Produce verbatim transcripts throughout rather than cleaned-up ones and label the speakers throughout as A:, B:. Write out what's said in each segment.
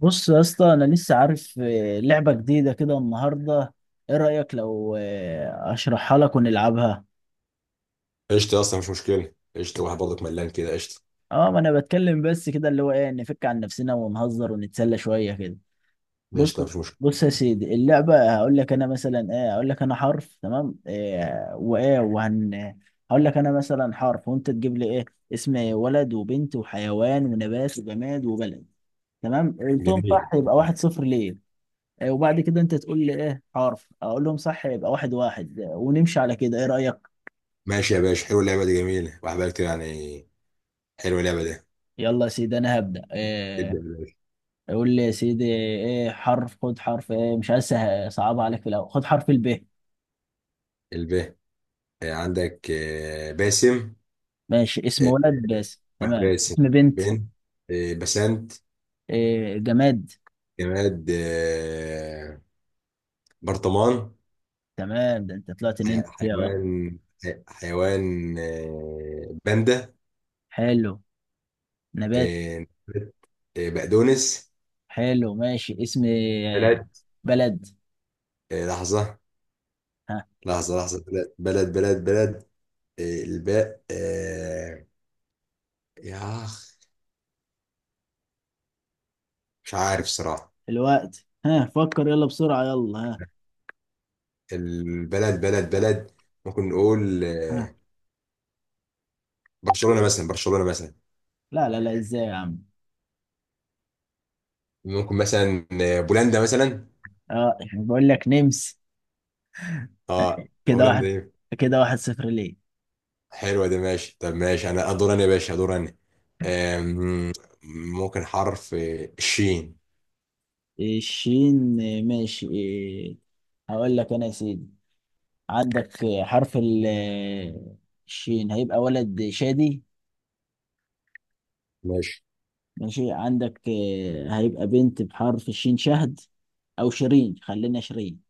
A: بص يا اسطى انا لسه عارف آه، لعبه جديده كده النهارده. ايه رايك لو آه، اشرحها لك ونلعبها.
B: قشطة يا اسطى، مش مشكلة. قشطة واحد برضك ملان كده. قشطة
A: اه ما انا بتكلم بس كده اللي هو ايه، نفك عن نفسنا ونهزر ونتسلى شويه كده. بص.
B: قشطة مش مشكلة.
A: بص يا سيدي اللعبه، هقول لك انا مثلا ايه، هقول لك انا حرف، تمام؟ إيه وايه وهن. هقول لك انا مثلا حرف وانت تجيب لي ايه، اسم ولد وبنت وحيوان ونبات وجماد وبلد. تمام، قلتهم
B: جميل.
A: صح يبقى واحد صفر ليه. آه، وبعد كده انت تقول لي ايه حرف، اقول لهم صح يبقى واحد واحد آه، ونمشي على كده. ايه رأيك؟
B: ماشي يا باشا، حلوة اللعبة دي. جميلة واحد بقى كتير يعني. حلوة اللعبة دي.
A: يلا يا سيدي انا هبدأ
B: ابدأ
A: إيه.
B: يا باشا.
A: قول لي يا سيدي ايه حرف، خد حرف ايه، مش عايز أسه- صعب عليك في الاول، خد حرف الب.
B: الب. آه، عندك آه، باسم.
A: ماشي، اسم
B: آه،
A: ولد بس؟
B: واحد
A: تمام.
B: باسم.
A: اسم بنت.
B: بن. آه، بسنت.
A: إيه جماد؟
B: جماد آه، برطمان.
A: تمام، ده انت طلعت
B: حي-
A: نمت فيها اه.
B: حيوان. حي- حيوان آه، باندا.
A: حلو. نبات.
B: آه، آه، بقدونس.
A: حلو ماشي. اسم آه،
B: بلد.
A: بلد.
B: آه، لحظة.
A: ها
B: لحظة لحظة. بلد بلد بلد بلد. الباء آه. يا أخ، مش عارف صراحة.
A: الوقت، ها فكر، يلا بسرعة، يلا ها.
B: البلد بلد بلد. ممكن نقول
A: ها،
B: آه، برشلونة مثلا، برشلونة مثلا.
A: لا لا لا، ازاي يا عم؟
B: ممكن مثلا آه، بولندا مثلا.
A: اه يعني بقول لك نمس.
B: اه
A: كده
B: هولندا
A: واحد.
B: دي.
A: كده واحد صفر ليه.
B: حلوة دي، ماشي. طب ماشي، أنا أدور، أنا يا باشا أدور أنا. آم، ممكن حرف آه، الشين.
A: الشين، آه، ماشي. آه، هقول لك انا يا سيدي عندك آه، حرف ال- آه، الشين، هيبقى ولد شادي.
B: ماشي.
A: ماشي، عندك آه، هيبقى بنت بحرف الشين شهد، او شيرين، خلينا شيرين.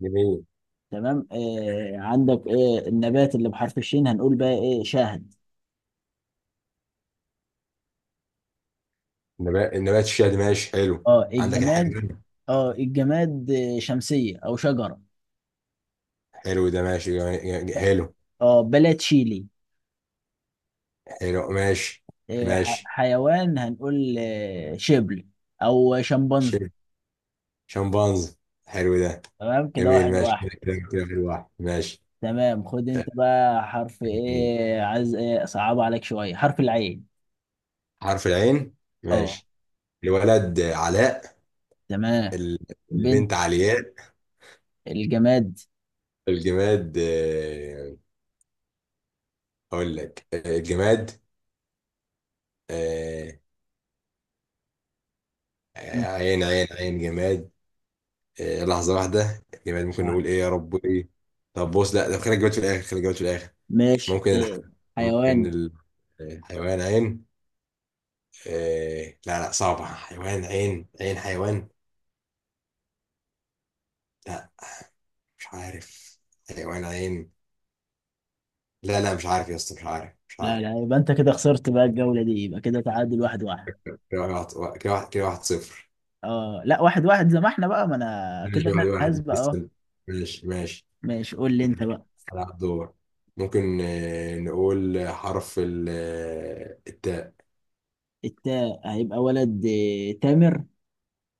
B: جميل.
A: تمام، آه، عندك آه، النبات اللي بحرف الشين هنقول بقى ايه؟ شاهد.
B: نبات، نبات الشيا دي. ماشي، حلو.
A: اه
B: عندك
A: الجماد.
B: الحيوان.
A: اه الجماد آه، شمسية او شجرة.
B: حلو ده. ماشي. جميل- جميل-
A: ب-
B: حلو.
A: اه بلد شيلي.
B: حلو. ماشي
A: إيه، ح-
B: ماشي.
A: حيوان هنقول إيه، شبل او شمبانزي.
B: شمبانز. حلو ده.
A: تمام، كده
B: جميل.
A: واحد
B: ماشي
A: واحد.
B: كده كده، شكراً. كده في الواحد. ماشي.
A: تمام، خد انت بقى حرف ايه، عايز ايه، صعب عليك شويه، حرف العين.
B: حرف العين.
A: اه.
B: ماشي. الولد علاء.
A: تمام.
B: ال-
A: بنت.
B: البنت علياء.
A: الجماد.
B: الجماد، آه، اقول لك آه، الجماد. آه،
A: مم.
B: عين عين عين جماد. آه، لحظة واحدة، الجماد ممكن
A: صح.
B: نقول ايه، يا رب ايه. طب بص، لا طب خلي الجماد في الاخر، خلي الجماد في الاخر.
A: ماشي.
B: ممكن الح...
A: إيه.
B: ممكن
A: حيوان.
B: ال- الحيوان عين. آه، لا لا صعبة. حيوان عين، عين حيوان. لا، مش عارف. حيوان عين. لا لا، مش عارف يا اسطى، مش عارف مش
A: لا
B: عارف.
A: لا، يبقى انت كده خسرت بقى الجوله دي، يبقى كده تعادل واحد واحد.
B: كده واحد، كده واحد، كده واحد صفر.
A: اه لا، واحد واحد زي ما احنا بقى، ما انا كده
B: ماشي.
A: انا
B: واحد
A: اللي
B: واحد
A: هسبق اه.
B: لسه. ماشي ماشي.
A: ماشي قول لي انت
B: ماشي
A: بقى.
B: على الدور. ممكن آه، نقول حرف ال- آه، التاء.
A: التاء هيبقى ولد إيه، تامر.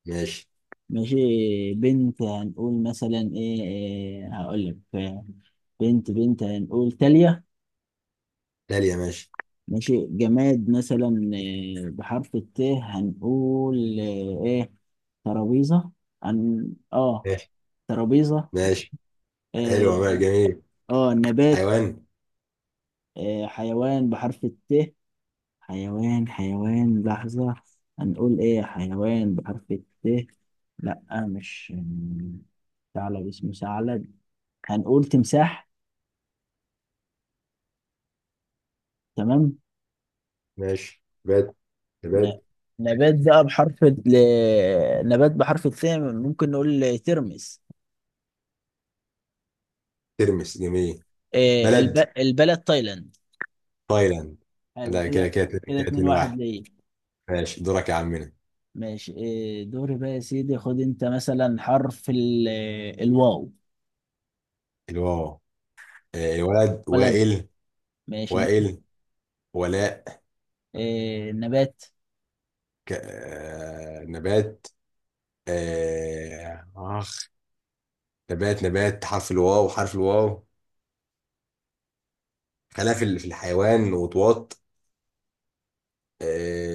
B: ماشي.
A: ماشي، بنت هنقول مثلا ايه, إيه هقول لك آه، بنت بنت هنقول تالية.
B: داليا ماشي.
A: ماشي، جماد مثلا إيه بحرف الت، هنقول ايه؟ إيه، ترابيزة. عن. اه
B: ماشي
A: ترابيزة.
B: ماشي.
A: إيه.
B: حلو. ماشي. جميل.
A: اه نبات.
B: حيوان.
A: إيه حيوان بحرف الت. حيوان حيوان لحظة، هنقول ايه حيوان بحرف الت. لا مش ثعلب، اسمه ثعلب. هنقول تمساح. تمام.
B: ماشي. نبات.
A: ن-
B: نبات
A: نبات بقى بحرف ال... نبات بحرف الث، ممكن نقول ترمس.
B: ترمس. جميل.
A: آه،
B: بلد
A: الب... البلد تايلاند.
B: تايلاند.
A: حلو
B: لا كده
A: كده،
B: كده
A: كده
B: كده،
A: اتنين
B: اتنين
A: واحد
B: واحد
A: ليه.
B: ماشي، دورك يا عمنا.
A: ماشي، آه، دوري بقى يا سيدي، خد انت مثلا حرف ال... الواو.
B: الواو. آه، الولد
A: بلد.
B: وائل.
A: ماشي.
B: وائل. ولاء.
A: آه، نبات.
B: ك... آه... نبات. آه... اخ. نبات نبات، حرف الواو، حرف الواو. خلاف في ال- في الحيوان وطواط.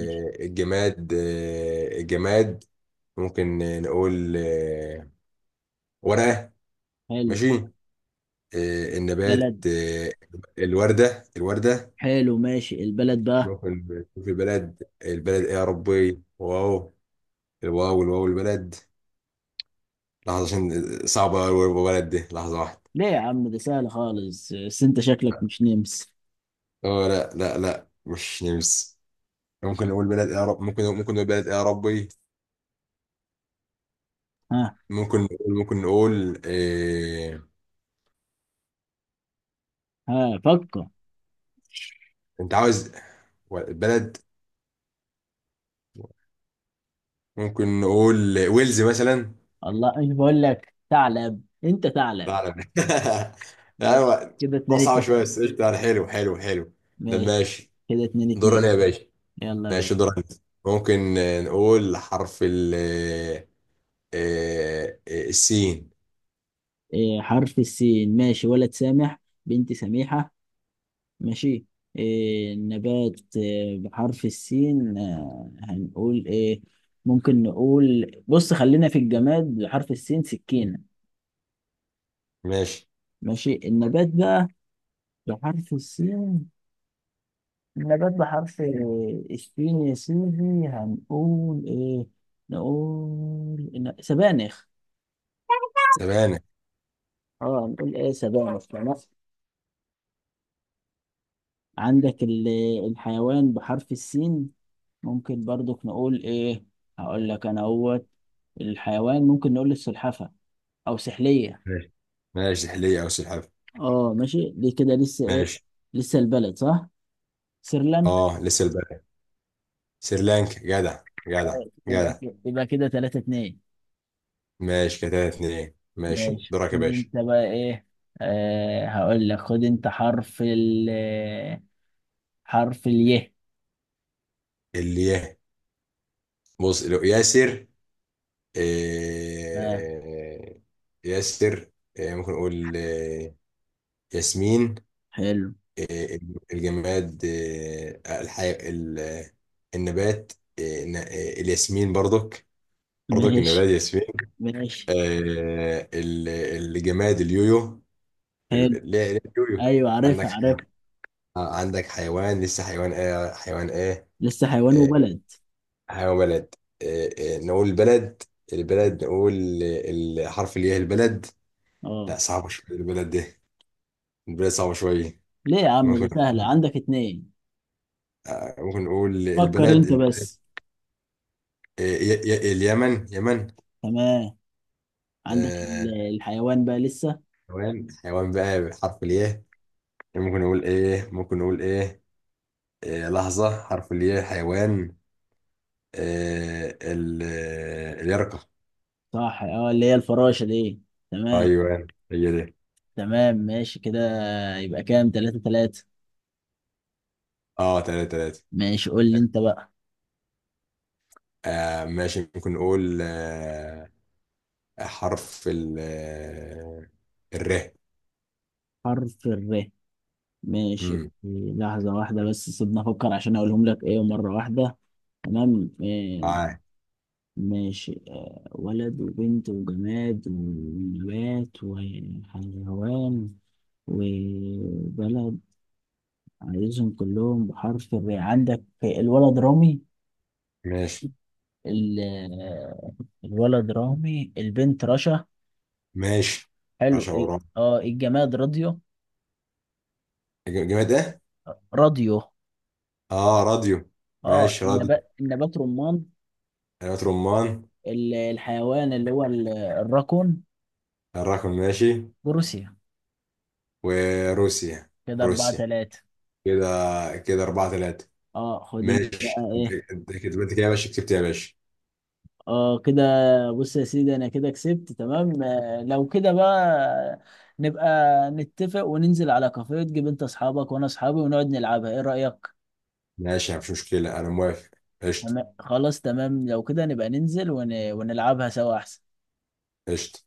A: ماشي.
B: الجماد، آه... الجماد. ممكن نقول آه... ورقة.
A: حلو.
B: ماشي. آه... النبات
A: بلد.
B: آه... الوردة، الوردة.
A: حلو ماشي البلد بقى.
B: ممكن تشوف البلد، البلد ايه يا ربي، واو. الواو الواو البلد. لحظة عشان آه، صعبة أوي البلد دي، لحظة واحدة.
A: ليه يا عم ده سهل خالص، بس انت شكلك مش نمس.
B: اه لا لا لا، مش نمس. ممكن نقول بلد اعراب، ممكن ممكن نقول بلد اعرابي.
A: ها.
B: ممكن نقول، ممكن نقول إيه...
A: ها فكر.
B: انت عاوز بلد. ممكن نقول ويلز مثلا.
A: الله، ايش بقول لك، ثعلب انت ثعلب.
B: لا لا.
A: ماشي
B: ايوه.
A: كده
B: ده
A: اتنين
B: صعب شويه
A: اتنين.
B: بس قشطة، يعني. حلو حلو حلو. ده
A: ماشي
B: ماشي.
A: كده اتنين اتنين
B: دورنا يا باشا.
A: يلا
B: ماشي
A: بقى.
B: دورنا. ممكن آه، نقول حرف ال آه، آه، آه، السين.
A: إيه حرف السين، ماشي، ولد سامح، بنت سميحة. ماشي. إيه نبات، إيه بحرف السين، آه، هنقول ايه. ممكن نقول، بص خلينا في الجماد بحرف السين، سكينة.
B: ماشي.
A: ماشي، النبات بقى بحرف السين، النبات بحرف السين يا سيدي، هنقول ايه. نقول إن- سبانخ.
B: سبانة.
A: اه نقول ايه، سبانخ، تمام. عندك ال- الحيوان بحرف السين، ممكن برضك نقول ايه، هقول لك انا اهوت. الحيوان ممكن نقول السلحفة او سحلية.
B: ماشي. ماشي سحلية أو سلحفاة.
A: اه ماشي، دي كده لسه ايه،
B: ماشي.
A: لسه البلد صح، سريلانكا.
B: اه لسه البلد سريلانكا. جدع جدع
A: يبقى
B: جدع.
A: كده، يبقى كده تلاتة اتنين.
B: ماشي كده اتنين. ماشي،
A: ماشي
B: دورك
A: خد
B: يا باشا.
A: انت بقى ايه. آه هقول لك، خد انت حرف ال، حرف اليه.
B: اللي يه. بص، لو ياسر.
A: آه.
B: إيه ياسر. إيه ممكن نقول إيه. ياسمين.
A: حلو.
B: إيه الجماد. إيه الحي... ال... النبات. إيه، ن- إيه الياسمين برضك. برضك النبات
A: ماشي.
B: ياسمين.
A: ماشي.
B: إيه. ال- الجماد اليويو.
A: حلو.
B: ليه. ليه اليويو.
A: ايوه،
B: عندك
A: عارفها عارفها.
B: آه، عندك حيوان لسه. حيوان ايه، حيوان ايه.
A: لسه حيوان
B: آه،
A: وبلد.
B: حيوان بلد. آه، آه، نقول بلد. البلد نقول آه، الحرف اللي هي البلد.
A: اه.
B: لا صعبة شوية البلد دي، البلد صعبة شوية.
A: ليه يا عم ده
B: ممكن
A: سهلة عندك اتنين.
B: آه، ممكن نقول
A: فكر
B: البلد،
A: انت
B: البلد
A: بس.
B: آه، ي- ي- اليمن، يمن.
A: تمام. عندك
B: آه،
A: ال- الحيوان بقى لسه.
B: حيوان حيوان بقى بحرف الياء. ممكن نقول ايه، ممكن نقول ايه. آه، لحظة حرف الياء حيوان. آه، ال- آه، اليرقة.
A: صح اه، اللي هي الفراشة دي. تمام.
B: ايوه هي دي.
A: تمام ماشي كده، يبقى كام، تلاتة تلاتة.
B: اه تلاتة تلاتة.
A: ماشي قول لي انت بقى.
B: آه ماشي. ممكن نقول آه، حرف ال آه، الر.
A: حرف الر. ماشي،
B: امم
A: لحظة واحدة بس سيبنا افكر عشان اقولهم لك ايه مرة واحدة. تمام. إيه،
B: معاك.
A: ماشي آه، ولد وبنت وجماد ونبات وحيوان وبلد، عايزهم كلهم بحرف الر. عندك الولد رامي.
B: ماشي
A: ال- الولد رامي البنت رشا.
B: ماشي.
A: حلو.
B: رشا
A: ايه
B: ورا.
A: اه، الجماد راديو.
B: ج- جماد ايه؟
A: راديو.
B: اه راديو.
A: اه
B: ماشي راديو.
A: النبات، النبات رمان.
B: حلويات رمان.
A: ال- الحيوان اللي هو ال- الراكون.
B: الرقم ماشي.
A: بروسيا.
B: وروسيا.
A: كده أربعة
B: روسيا.
A: تلاتة.
B: كده. كده أربعة ثلاثة.
A: اه خد انت بقى
B: ماشي، انت
A: ايه.
B: انت كده، انت كده يا باشا كسبت يا باشا.
A: اه كده. بص يا سيدي انا كده كسبت، تمام، آه، لو كده بقى نبقى نتفق وننزل على كافيه، تجيب انت اصحابك وانا اصحابي ونقعد نلعبها، ايه رأيك؟
B: ماشي، مفيش مشكلة، أنا موافق. قشطة.
A: تمام خلاص، تمام لو كده نبقى ننزل ون... ونلعبها سوا احسن.
B: قشطة.